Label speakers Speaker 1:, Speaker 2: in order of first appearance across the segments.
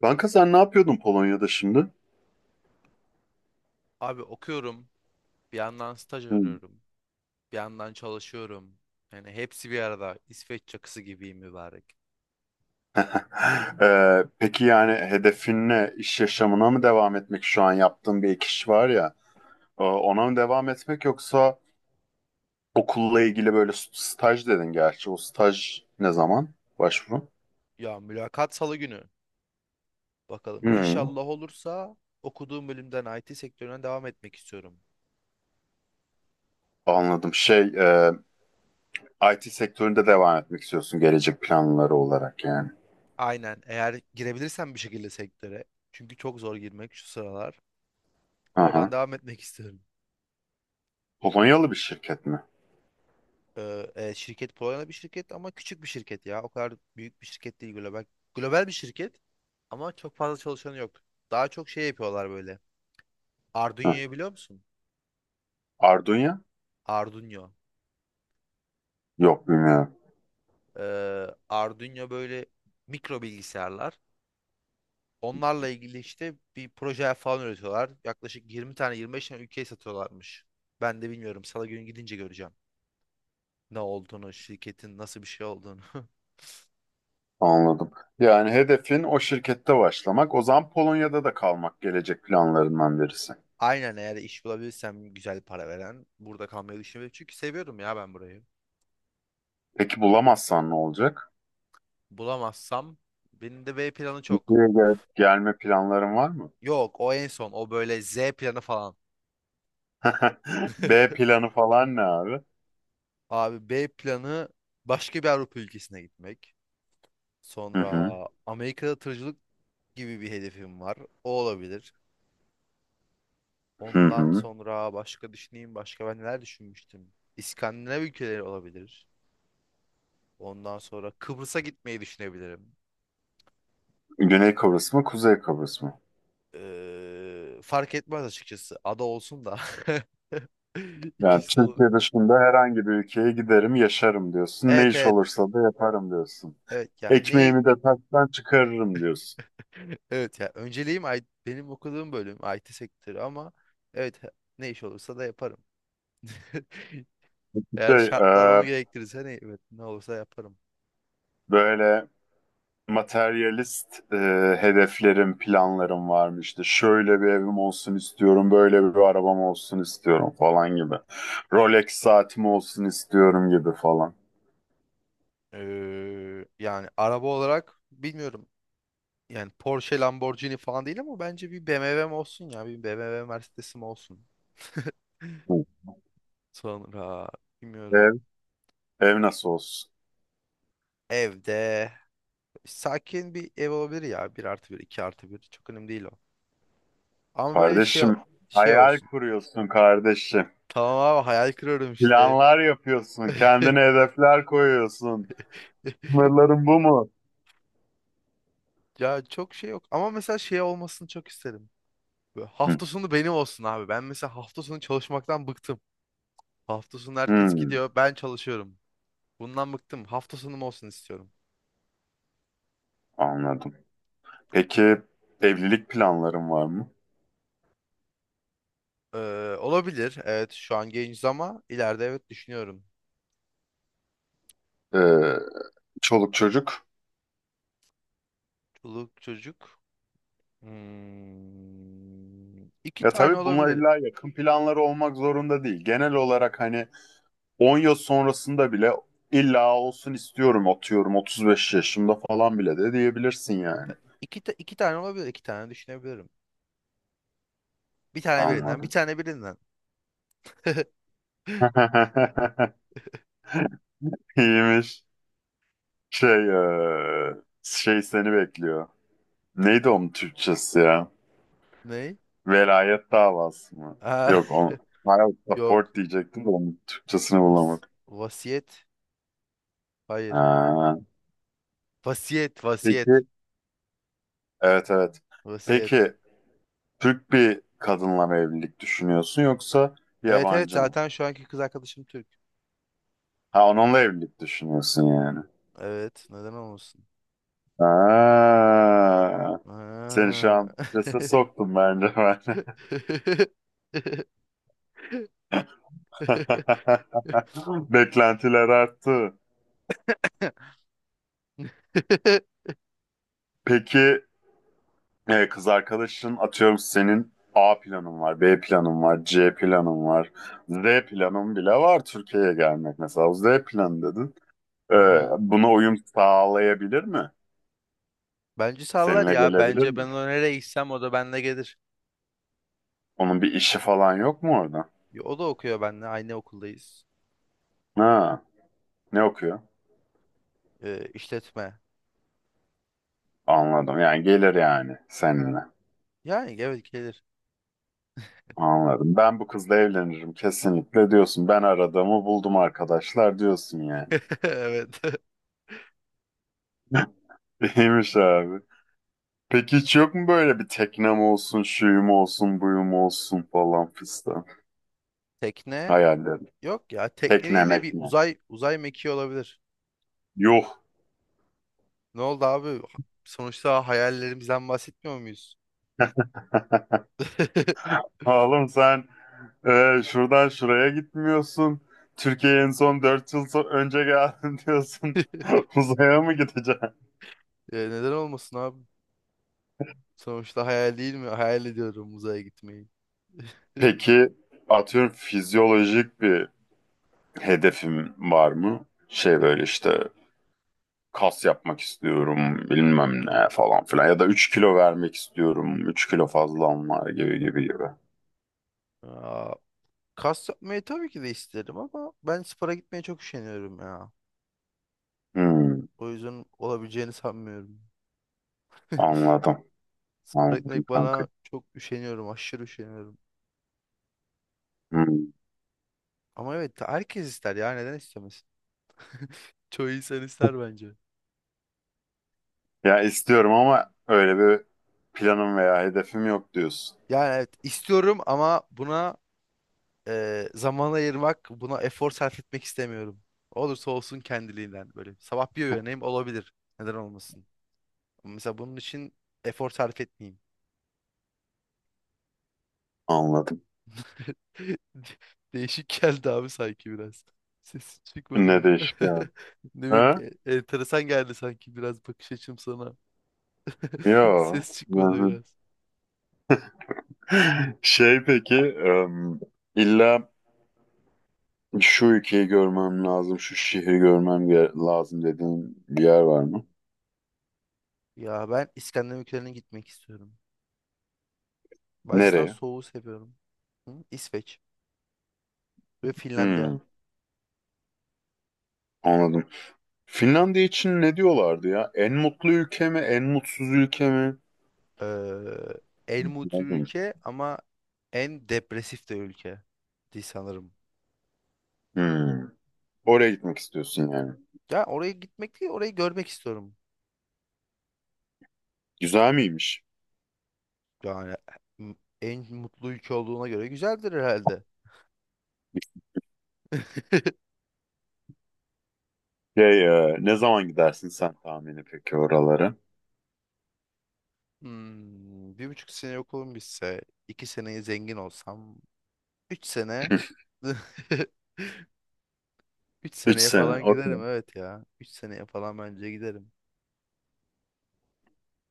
Speaker 1: Kanka sen ne yapıyordun Polonya'da şimdi?
Speaker 2: Abi okuyorum, bir yandan staj
Speaker 1: Hmm.
Speaker 2: arıyorum, bir yandan çalışıyorum. Yani hepsi bir arada. İsveç çakısı gibiyim mübarek.
Speaker 1: Peki yani hedefin ne? İş yaşamına mı devam etmek? Şu an yaptığın bir ek iş var ya. Ona mı devam etmek yoksa okulla ilgili böyle staj dedin gerçi. O staj ne zaman? Başvuru?
Speaker 2: Ya mülakat salı günü. Bakalım
Speaker 1: Hmm,
Speaker 2: İnşallah olursa okuduğum bölümden IT sektörüne devam etmek istiyorum.
Speaker 1: Anladım. IT sektöründe devam etmek istiyorsun gelecek planları olarak yani.
Speaker 2: Aynen eğer girebilirsem bir şekilde sektöre. Çünkü çok zor girmek şu sıralar. Oradan
Speaker 1: Aha.
Speaker 2: devam etmek istiyorum.
Speaker 1: Polonyalı bir şirket mi?
Speaker 2: Şirket Polonya'da bir şirket ama küçük bir şirket ya. O kadar büyük bir şirket değil global. Global bir şirket ama çok fazla çalışanı yok. Daha çok şey yapıyorlar böyle.
Speaker 1: Hı.
Speaker 2: Arduino'yu biliyor musun?
Speaker 1: Arduino?
Speaker 2: Arduino.
Speaker 1: Yok bilmiyorum.
Speaker 2: Arduino böyle mikro bilgisayarlar. Onlarla ilgili işte bir proje falan üretiyorlar. Yaklaşık 20 tane 25 tane ülkeye satıyorlarmış. Ben de bilmiyorum. Salı günü gidince göreceğim. Ne olduğunu, şirketin nasıl bir şey olduğunu.
Speaker 1: Anladım. Yani hedefin o şirkette başlamak, o zaman Polonya'da da kalmak gelecek planlarından birisi.
Speaker 2: Aynen eğer iş bulabilirsem güzel para veren burada kalmayı düşünüyorum. Çünkü seviyorum ya ben burayı.
Speaker 1: Peki bulamazsan ne olacak?
Speaker 2: Bulamazsam benim de B planı çok.
Speaker 1: Türkiye'ye gelme planların var mı?
Speaker 2: Yok o en son o böyle Z planı falan.
Speaker 1: B planı falan ne abi?
Speaker 2: Abi B planı başka bir Avrupa ülkesine gitmek.
Speaker 1: Hı
Speaker 2: Sonra
Speaker 1: hı,
Speaker 2: Amerika'da tırcılık gibi bir hedefim var. O olabilir.
Speaker 1: hı
Speaker 2: Ondan
Speaker 1: hı.
Speaker 2: sonra başka düşüneyim. Başka ben neler düşünmüştüm? İskandinav ülkeleri olabilir. Ondan sonra Kıbrıs'a gitmeyi düşünebilirim.
Speaker 1: Güney Kıbrıs mı, Kuzey Kıbrıs mı?
Speaker 2: Fark etmez açıkçası. Ada olsun da.
Speaker 1: Yani
Speaker 2: İkisi de olur.
Speaker 1: Türkiye dışında herhangi bir ülkeye giderim, yaşarım diyorsun. Ne
Speaker 2: Evet,
Speaker 1: iş
Speaker 2: evet.
Speaker 1: olursa da yaparım diyorsun.
Speaker 2: Evet yani ne?
Speaker 1: Ekmeğimi de taştan çıkarırım diyorsun.
Speaker 2: Evet ya önceliğim benim okuduğum bölüm IT sektörü ama evet, ne iş olursa da yaparım. Eğer
Speaker 1: Şey,
Speaker 2: şartlar
Speaker 1: e,
Speaker 2: onu gerektirirse hani evet, ne olursa yaparım.
Speaker 1: Böyle materyalist hedeflerim, planlarım varmıştı. Şöyle bir evim olsun istiyorum, böyle bir arabam olsun istiyorum falan gibi. Rolex saatim olsun istiyorum gibi falan.
Speaker 2: Yani araba olarak bilmiyorum. Yani Porsche, Lamborghini falan değil ama bence bir BMW'm olsun ya. Bir BMW Mercedes'im olsun.
Speaker 1: Hı.
Speaker 2: Sonra
Speaker 1: Ev,
Speaker 2: bilmiyorum.
Speaker 1: ev nasıl olsun?
Speaker 2: Evde sakin bir ev olabilir ya. Bir artı bir, 2 artı bir. Çok önemli değil o. Ama böyle şey
Speaker 1: Kardeşim,
Speaker 2: şey
Speaker 1: hayal
Speaker 2: olsun.
Speaker 1: kuruyorsun kardeşim.
Speaker 2: Tamam abi hayal kırıyorum işte.
Speaker 1: Planlar yapıyorsun, kendine hedefler koyuyorsun. Sınırların bu mu?
Speaker 2: Ya çok şey yok. Ama mesela şey olmasını çok isterim. Böyle hafta
Speaker 1: Hı.
Speaker 2: sonu benim olsun abi. Ben mesela hafta sonu çalışmaktan bıktım. Hafta sonu herkes
Speaker 1: Hı,
Speaker 2: gidiyor, ben çalışıyorum. Bundan bıktım. Hafta sonum olsun istiyorum.
Speaker 1: anladım. Peki evlilik planların var mı?
Speaker 2: Olabilir. Evet, şu an genciz ama ileride evet düşünüyorum.
Speaker 1: Ee, Çoluk çocuk?
Speaker 2: Çoluk çocuk. Hmm, iki
Speaker 1: Ya
Speaker 2: tane
Speaker 1: tabii bunlar
Speaker 2: olabilir.
Speaker 1: illa yakın planları olmak zorunda değil. Genel olarak hani 10 yıl sonrasında bile illa olsun istiyorum atıyorum 35 yaşımda falan bile de diyebilirsin yani.
Speaker 2: Yani iki tane olabilir. İki tane düşünebilirim. Bir tane birinden, bir
Speaker 1: Anladım.
Speaker 2: tane birinden.
Speaker 1: İyiymiş. Şey, eee, şey seni bekliyor. Neydi onun Türkçesi ya?
Speaker 2: Ne?
Speaker 1: Velayet davası mı?
Speaker 2: Aa,
Speaker 1: Yok on Child
Speaker 2: yok.
Speaker 1: support diyecektim de onun Türkçesini
Speaker 2: Vas-
Speaker 1: bulamadım.
Speaker 2: vasiyet. Hayır.
Speaker 1: Ha.
Speaker 2: Vasiyet, vasiyet,
Speaker 1: Peki. Evet evet.
Speaker 2: vasiyet.
Speaker 1: Peki Türk bir kadınla mı evlilik düşünüyorsun yoksa bir
Speaker 2: Evet, evet,
Speaker 1: yabancı mı?
Speaker 2: zaten şu anki kız arkadaşım Türk.
Speaker 1: Ha, onunla evlilik düşünüyorsun yani.
Speaker 2: Evet, neden olmasın?
Speaker 1: Ha, seni şu
Speaker 2: Ha.
Speaker 1: an strese soktum bence ben. Beklentiler arttı. Peki kız arkadaşın atıyorum senin A planın var, B planın var, C planın var, Z planın bile var Türkiye'ye gelmek mesela. O Z planı dedin. E,
Speaker 2: Hı hı.
Speaker 1: Buna uyum sağlayabilir mi?
Speaker 2: Bence sallar
Speaker 1: Seninle
Speaker 2: ya.
Speaker 1: gelebilir
Speaker 2: Bence ben
Speaker 1: mi?
Speaker 2: ona nereye gitsem o da benimle gelir.
Speaker 1: Onun bir işi falan yok mu orada?
Speaker 2: Ya, o da okuyor benimle. Aynı okuldayız.
Speaker 1: Ha, ne okuyor?
Speaker 2: İşletme.
Speaker 1: Anladım. Yani gelir yani seninle.
Speaker 2: Yani evet gelir.
Speaker 1: Anladım. Ben bu kızla evlenirim kesinlikle diyorsun. Ben aradığımı buldum arkadaşlar diyorsun yani.
Speaker 2: Evet.
Speaker 1: İyiymiş abi. Peki hiç yok mu böyle bir teknem olsun, şuyum olsun, buyum olsun falan fistan
Speaker 2: Tekne
Speaker 1: hayallerin?
Speaker 2: yok ya.
Speaker 1: Tekne
Speaker 2: Tekneyle bir
Speaker 1: mekne.
Speaker 2: uzay mekiği olabilir.
Speaker 1: Yuh.
Speaker 2: Ne oldu abi? Sonuçta hayallerimizden bahsetmiyor muyuz?
Speaker 1: Oğlum sen şuradan şuraya gitmiyorsun. Türkiye'ye en son 4 yıl önce geldin diyorsun. Uzaya mı gideceksin?
Speaker 2: E, neden olmasın abi? Sonuçta hayal değil mi? Hayal ediyorum uzaya gitmeyi.
Speaker 1: Peki atıyorum fizyolojik bir hedefim var mı? Şey böyle işte kas yapmak istiyorum bilmem ne falan filan ya da 3 kilo vermek istiyorum 3 kilo fazlam var gibi gibi gibi.
Speaker 2: Aa, kas yapmayı tabii ki de isterim ama ben spora gitmeye çok üşeniyorum ya.
Speaker 1: Hmm,
Speaker 2: O yüzden olabileceğini sanmıyorum.
Speaker 1: Anladım
Speaker 2: Spora
Speaker 1: anladım
Speaker 2: gitmek
Speaker 1: kanka.
Speaker 2: bana çok üşeniyorum, aşırı üşeniyorum.
Speaker 1: Hmm.
Speaker 2: Ama evet herkes ister ya neden istemez? Çoğu insan ister bence.
Speaker 1: Ya istiyorum ama öyle bir planım veya hedefim yok diyorsun.
Speaker 2: Yani evet istiyorum ama buna zaman ayırmak, buna efor sarf etmek istemiyorum. Olursa olsun kendiliğinden böyle. Sabah bir uyanayım olabilir. Neden olmasın? Ama mesela bunun için efor sarf etmeyeyim.
Speaker 1: Anladım.
Speaker 2: Değişik geldi abi sanki biraz. Sesi çıkmadı
Speaker 1: Ne
Speaker 2: mı?
Speaker 1: değişik yani.
Speaker 2: Ne bileyim,
Speaker 1: Ha?
Speaker 2: enteresan geldi sanki biraz bakış açım sana.
Speaker 1: Yo.
Speaker 2: Ses çıkmadı
Speaker 1: Yani
Speaker 2: biraz.
Speaker 1: Peki, illa şu ülkeyi görmem lazım, şu şehri görmem lazım dediğin bir yer var mı?
Speaker 2: Ya ben İskandinav ülkelerine gitmek istiyorum. Bacıstan
Speaker 1: Nereye?
Speaker 2: soğuğu seviyorum. Hı? İsveç ve Finlandiya.
Speaker 1: Hmm, Anladım. Finlandiya için ne diyorlardı ya? En mutlu ülke mi, en mutsuz ülke mi?
Speaker 2: eee, en mutlu
Speaker 1: Anladım.
Speaker 2: ülke ama en depresif de ülke diye sanırım.
Speaker 1: Hmm, Oraya gitmek istiyorsun yani.
Speaker 2: Ya oraya gitmek değil, orayı görmek istiyorum.
Speaker 1: Güzel miymiş?
Speaker 2: Yani m- en mutlu ülke olduğuna göre güzeldir herhalde.
Speaker 1: Ne zaman gidersin sen tahmini peki oralara?
Speaker 2: Hmm, bir buçuk sene okulum bitse, iki seneye zengin olsam, üç sene, üç
Speaker 1: Üç
Speaker 2: seneye
Speaker 1: sene,
Speaker 2: falan giderim
Speaker 1: okey.
Speaker 2: evet ya. Üç seneye falan bence giderim.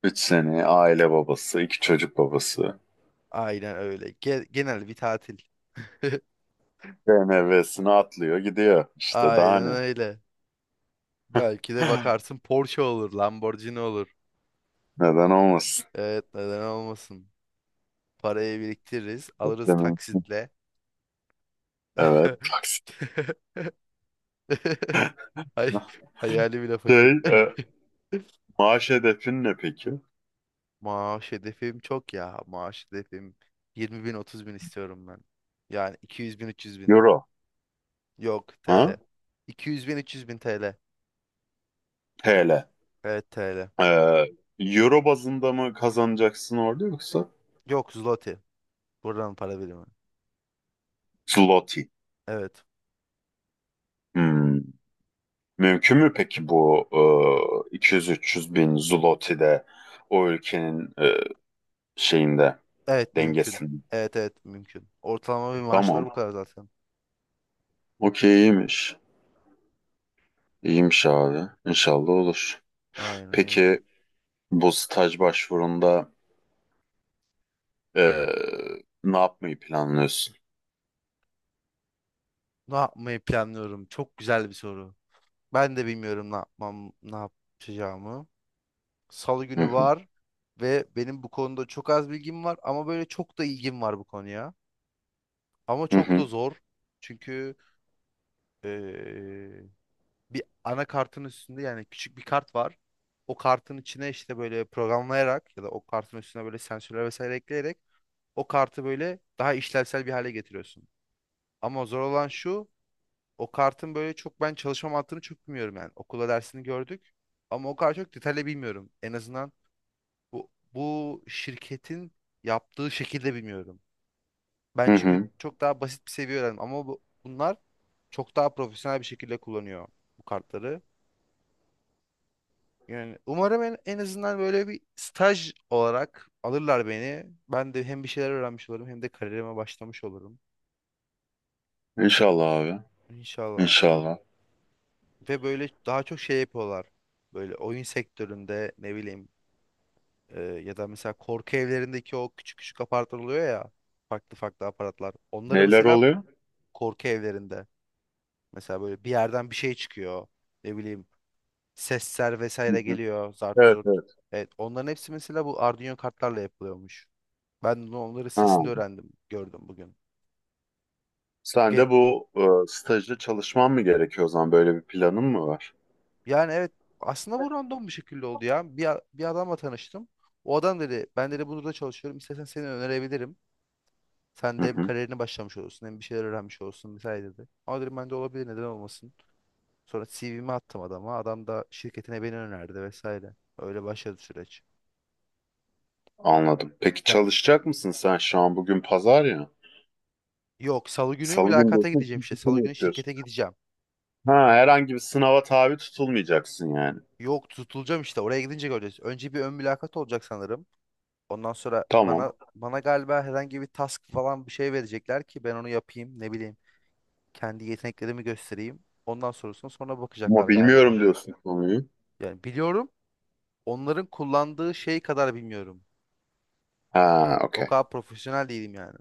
Speaker 1: 3 sene, aile babası, iki çocuk babası.
Speaker 2: Aynen öyle. Genel bir tatil.
Speaker 1: B M BMW'sini atlıyor gidiyor. İşte daha
Speaker 2: Aynen
Speaker 1: ne?
Speaker 2: öyle. Belki de bakarsın Porsche olur, Lamborghini olur.
Speaker 1: Neden olmasın?
Speaker 2: Evet, neden olmasın? Parayı biriktiririz, alırız
Speaker 1: Beklemeyin.
Speaker 2: taksitle.
Speaker 1: Evet. Taksi.
Speaker 2: Ay, hayali bile fakir.
Speaker 1: Şey, e, Maaş hedefin ne peki?
Speaker 2: Maaş hedefim çok ya. Maaş hedefim 20 bin 30 bin istiyorum ben. Yani 200 bin 300 bin.
Speaker 1: Euro.
Speaker 2: Yok TL.
Speaker 1: Ha?
Speaker 2: 200 bin 300 bin TL.
Speaker 1: TL.
Speaker 2: Evet TL.
Speaker 1: E, Euro bazında mı kazanacaksın orada yoksa?
Speaker 2: Yok zloty. Buradan para birimi.
Speaker 1: Zloty.
Speaker 2: Evet.
Speaker 1: Hmm. Mümkün mü peki bu 200-300 bin Zloty'de o ülkenin şeyinde
Speaker 2: Evet mümkün.
Speaker 1: dengesinde?
Speaker 2: Evet, evet, mümkün. Ortalama bir maaşlar
Speaker 1: Tamam.
Speaker 2: bu kadar zaten.
Speaker 1: Okey iyiymiş. İyiymiş abi. İnşallah olur.
Speaker 2: Aynen öyle.
Speaker 1: Peki bu staj başvurunda e, ne yapmayı planlıyorsun?
Speaker 2: Ne yapmayı planlıyorum? Çok güzel bir soru. Ben de bilmiyorum ne yapmam, ne yapacağımı. Salı
Speaker 1: Hı
Speaker 2: günü
Speaker 1: hı.
Speaker 2: var ve benim bu konuda çok az bilgim var ama böyle çok da ilgim var bu konuya. Ama
Speaker 1: Hı
Speaker 2: çok da
Speaker 1: hı.
Speaker 2: zor. Çünkü eee, bir anakartın üstünde yani küçük bir kart var. O kartın içine işte böyle programlayarak ya da o kartın üstüne böyle sensörler vesaire ekleyerek o kartı böyle daha işlevsel bir hale getiriyorsun. Ama zor olan şu. O kartın böyle çok ben çalışma mantığını çok bilmiyorum yani. Okula dersini gördük ama o kadar çok detaylı bilmiyorum. En azından bu, bu şirketin yaptığı şekilde bilmiyorum. Ben
Speaker 1: Hı
Speaker 2: çünkü
Speaker 1: hı.
Speaker 2: çok daha basit bir seviye öğrendim ama bu, bunlar çok daha profesyonel bir şekilde kullanıyor bu kartları. Yani umarım en azından böyle bir staj olarak alırlar beni. Ben de hem bir şeyler öğrenmiş olurum hem de kariyerime başlamış olurum.
Speaker 1: İnşallah abi.
Speaker 2: İnşallah.
Speaker 1: İnşallah.
Speaker 2: Ve böyle daha çok şey yapıyorlar. Böyle oyun sektöründe ne bileyim. Ya da mesela korku evlerindeki o küçük küçük apartlar oluyor ya. Farklı farklı aparatlar. Onları
Speaker 1: Neler
Speaker 2: mesela
Speaker 1: oluyor?
Speaker 2: korku evlerinde. Mesela böyle bir yerden bir şey çıkıyor. Ne bileyim sesler
Speaker 1: Hı
Speaker 2: vesaire
Speaker 1: hı.
Speaker 2: geliyor. Zart
Speaker 1: Evet
Speaker 2: zurt.
Speaker 1: evet.
Speaker 2: Evet onların hepsi mesela bu Arduino kartlarla yapılıyormuş. Ben de onları
Speaker 1: Ha.
Speaker 2: sesinde öğrendim. Gördüm bugün.
Speaker 1: Sen
Speaker 2: Ge-
Speaker 1: de bu stajda çalışman mı gerekiyor o zaman? Böyle bir planın mı var?
Speaker 2: yani evet aslında bu random bir şekilde oldu ya. Bir adamla tanıştım. O adam dedi ben dedi burada çalışıyorum. İstersen seni önerebilirim. Sen
Speaker 1: Hı
Speaker 2: de hem
Speaker 1: hı.
Speaker 2: kariyerini başlamış olursun hem bir şeyler öğrenmiş olursun vesaire dedi. Ama dedim ben de olabilir neden olmasın. Sonra CV'mi attım adama. Adam da şirketine beni önerdi vesaire. Öyle başladı süreç.
Speaker 1: Anladım. Peki
Speaker 2: Yani
Speaker 1: çalışacak mısın sen şu an? Bugün pazar ya.
Speaker 2: yok salı günü
Speaker 1: Salı günü
Speaker 2: mülakata
Speaker 1: diyorsun.
Speaker 2: gideceğim işte.
Speaker 1: Cumartesi
Speaker 2: Salı
Speaker 1: mi
Speaker 2: günü
Speaker 1: yapıyorsun?
Speaker 2: şirkete gideceğim.
Speaker 1: Ha, herhangi bir sınava tabi tutulmayacaksın yani.
Speaker 2: Yok tutulacağım işte oraya gidince göreceğiz. Önce bir ön mülakat olacak sanırım. Ondan sonra bana
Speaker 1: Tamam.
Speaker 2: bana galiba herhangi bir task falan bir şey verecekler ki ben onu yapayım ne bileyim. Kendi yeteneklerimi göstereyim. Ondan sonrasını sonra bakacaklar
Speaker 1: Ama
Speaker 2: galiba.
Speaker 1: bilmiyorum diyorsun konuyu.
Speaker 2: Yani biliyorum. Onların kullandığı şey kadar bilmiyorum.
Speaker 1: Ha,
Speaker 2: O
Speaker 1: okey.
Speaker 2: kadar profesyonel değilim yani.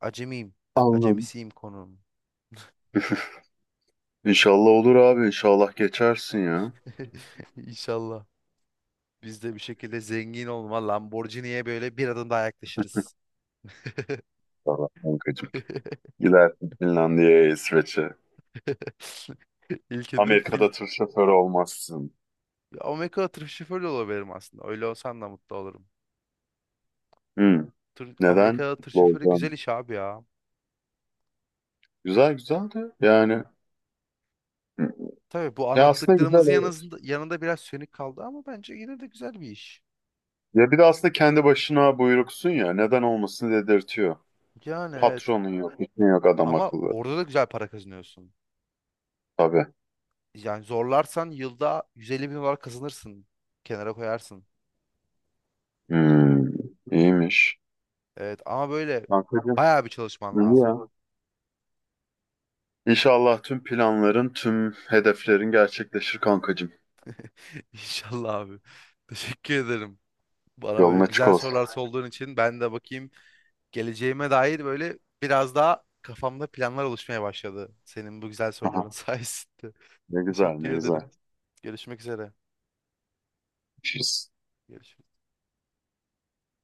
Speaker 2: Acemiyim.
Speaker 1: Anladım.
Speaker 2: Acemisiyim konum.
Speaker 1: İnşallah olur abi. İnşallah geçersin ya.
Speaker 2: İnşallah. Biz de bir şekilde zengin olma Lamborghini'ye böyle bir adım daha yaklaşırız.
Speaker 1: İnşallah kankacığım. Gidersin Finlandiya'ya, İsveç'e.
Speaker 2: İlk hedef
Speaker 1: Amerika'da
Speaker 2: film.
Speaker 1: tır şoförü olmazsın.
Speaker 2: Amerika'da tır şoförü de olabilirim aslında. Öyle olsam da mutlu olurum.
Speaker 1: Hmm.
Speaker 2: Tır,
Speaker 1: Neden?
Speaker 2: Amerika'da tır
Speaker 1: Mutlu
Speaker 2: şoförü güzel
Speaker 1: olacaksın.
Speaker 2: iş abi ya.
Speaker 1: Güzel güzel de yani. Hı.
Speaker 2: Tabii bu
Speaker 1: Ya aslında güzel
Speaker 2: anlattıklarımızın
Speaker 1: evet.
Speaker 2: yanında, yanında biraz sönük kaldı ama bence yine de güzel bir iş.
Speaker 1: Ya bir de aslında kendi başına buyruksun ya. Neden olmasın dedirtiyor.
Speaker 2: Yani evet.
Speaker 1: Patronun yok, işin yok adam
Speaker 2: Ama
Speaker 1: akıllı.
Speaker 2: orada da güzel para kazanıyorsun.
Speaker 1: Tabii.
Speaker 2: Yani zorlarsan yılda 150 bin dolar kazanırsın. Kenara koyarsın.
Speaker 1: Hmm. İyiymiş.
Speaker 2: Evet ama böyle
Speaker 1: Kankacığım,
Speaker 2: bayağı bir çalışman
Speaker 1: iyi
Speaker 2: lazım.
Speaker 1: ya. İnşallah tüm planların, tüm hedeflerin gerçekleşir kankacığım.
Speaker 2: İnşallah abi. Teşekkür ederim. Bana
Speaker 1: Yolun
Speaker 2: böyle
Speaker 1: açık
Speaker 2: güzel
Speaker 1: olsun.
Speaker 2: sorular sorduğun için ben de bakayım geleceğime dair böyle biraz daha kafamda planlar oluşmaya başladı. Senin bu güzel soruların
Speaker 1: Aha,
Speaker 2: sayesinde.
Speaker 1: ne güzel, ne
Speaker 2: Teşekkür ederim.
Speaker 1: güzel.
Speaker 2: Görüşmek üzere.
Speaker 1: Görüşürüz.
Speaker 2: Görüşürüz.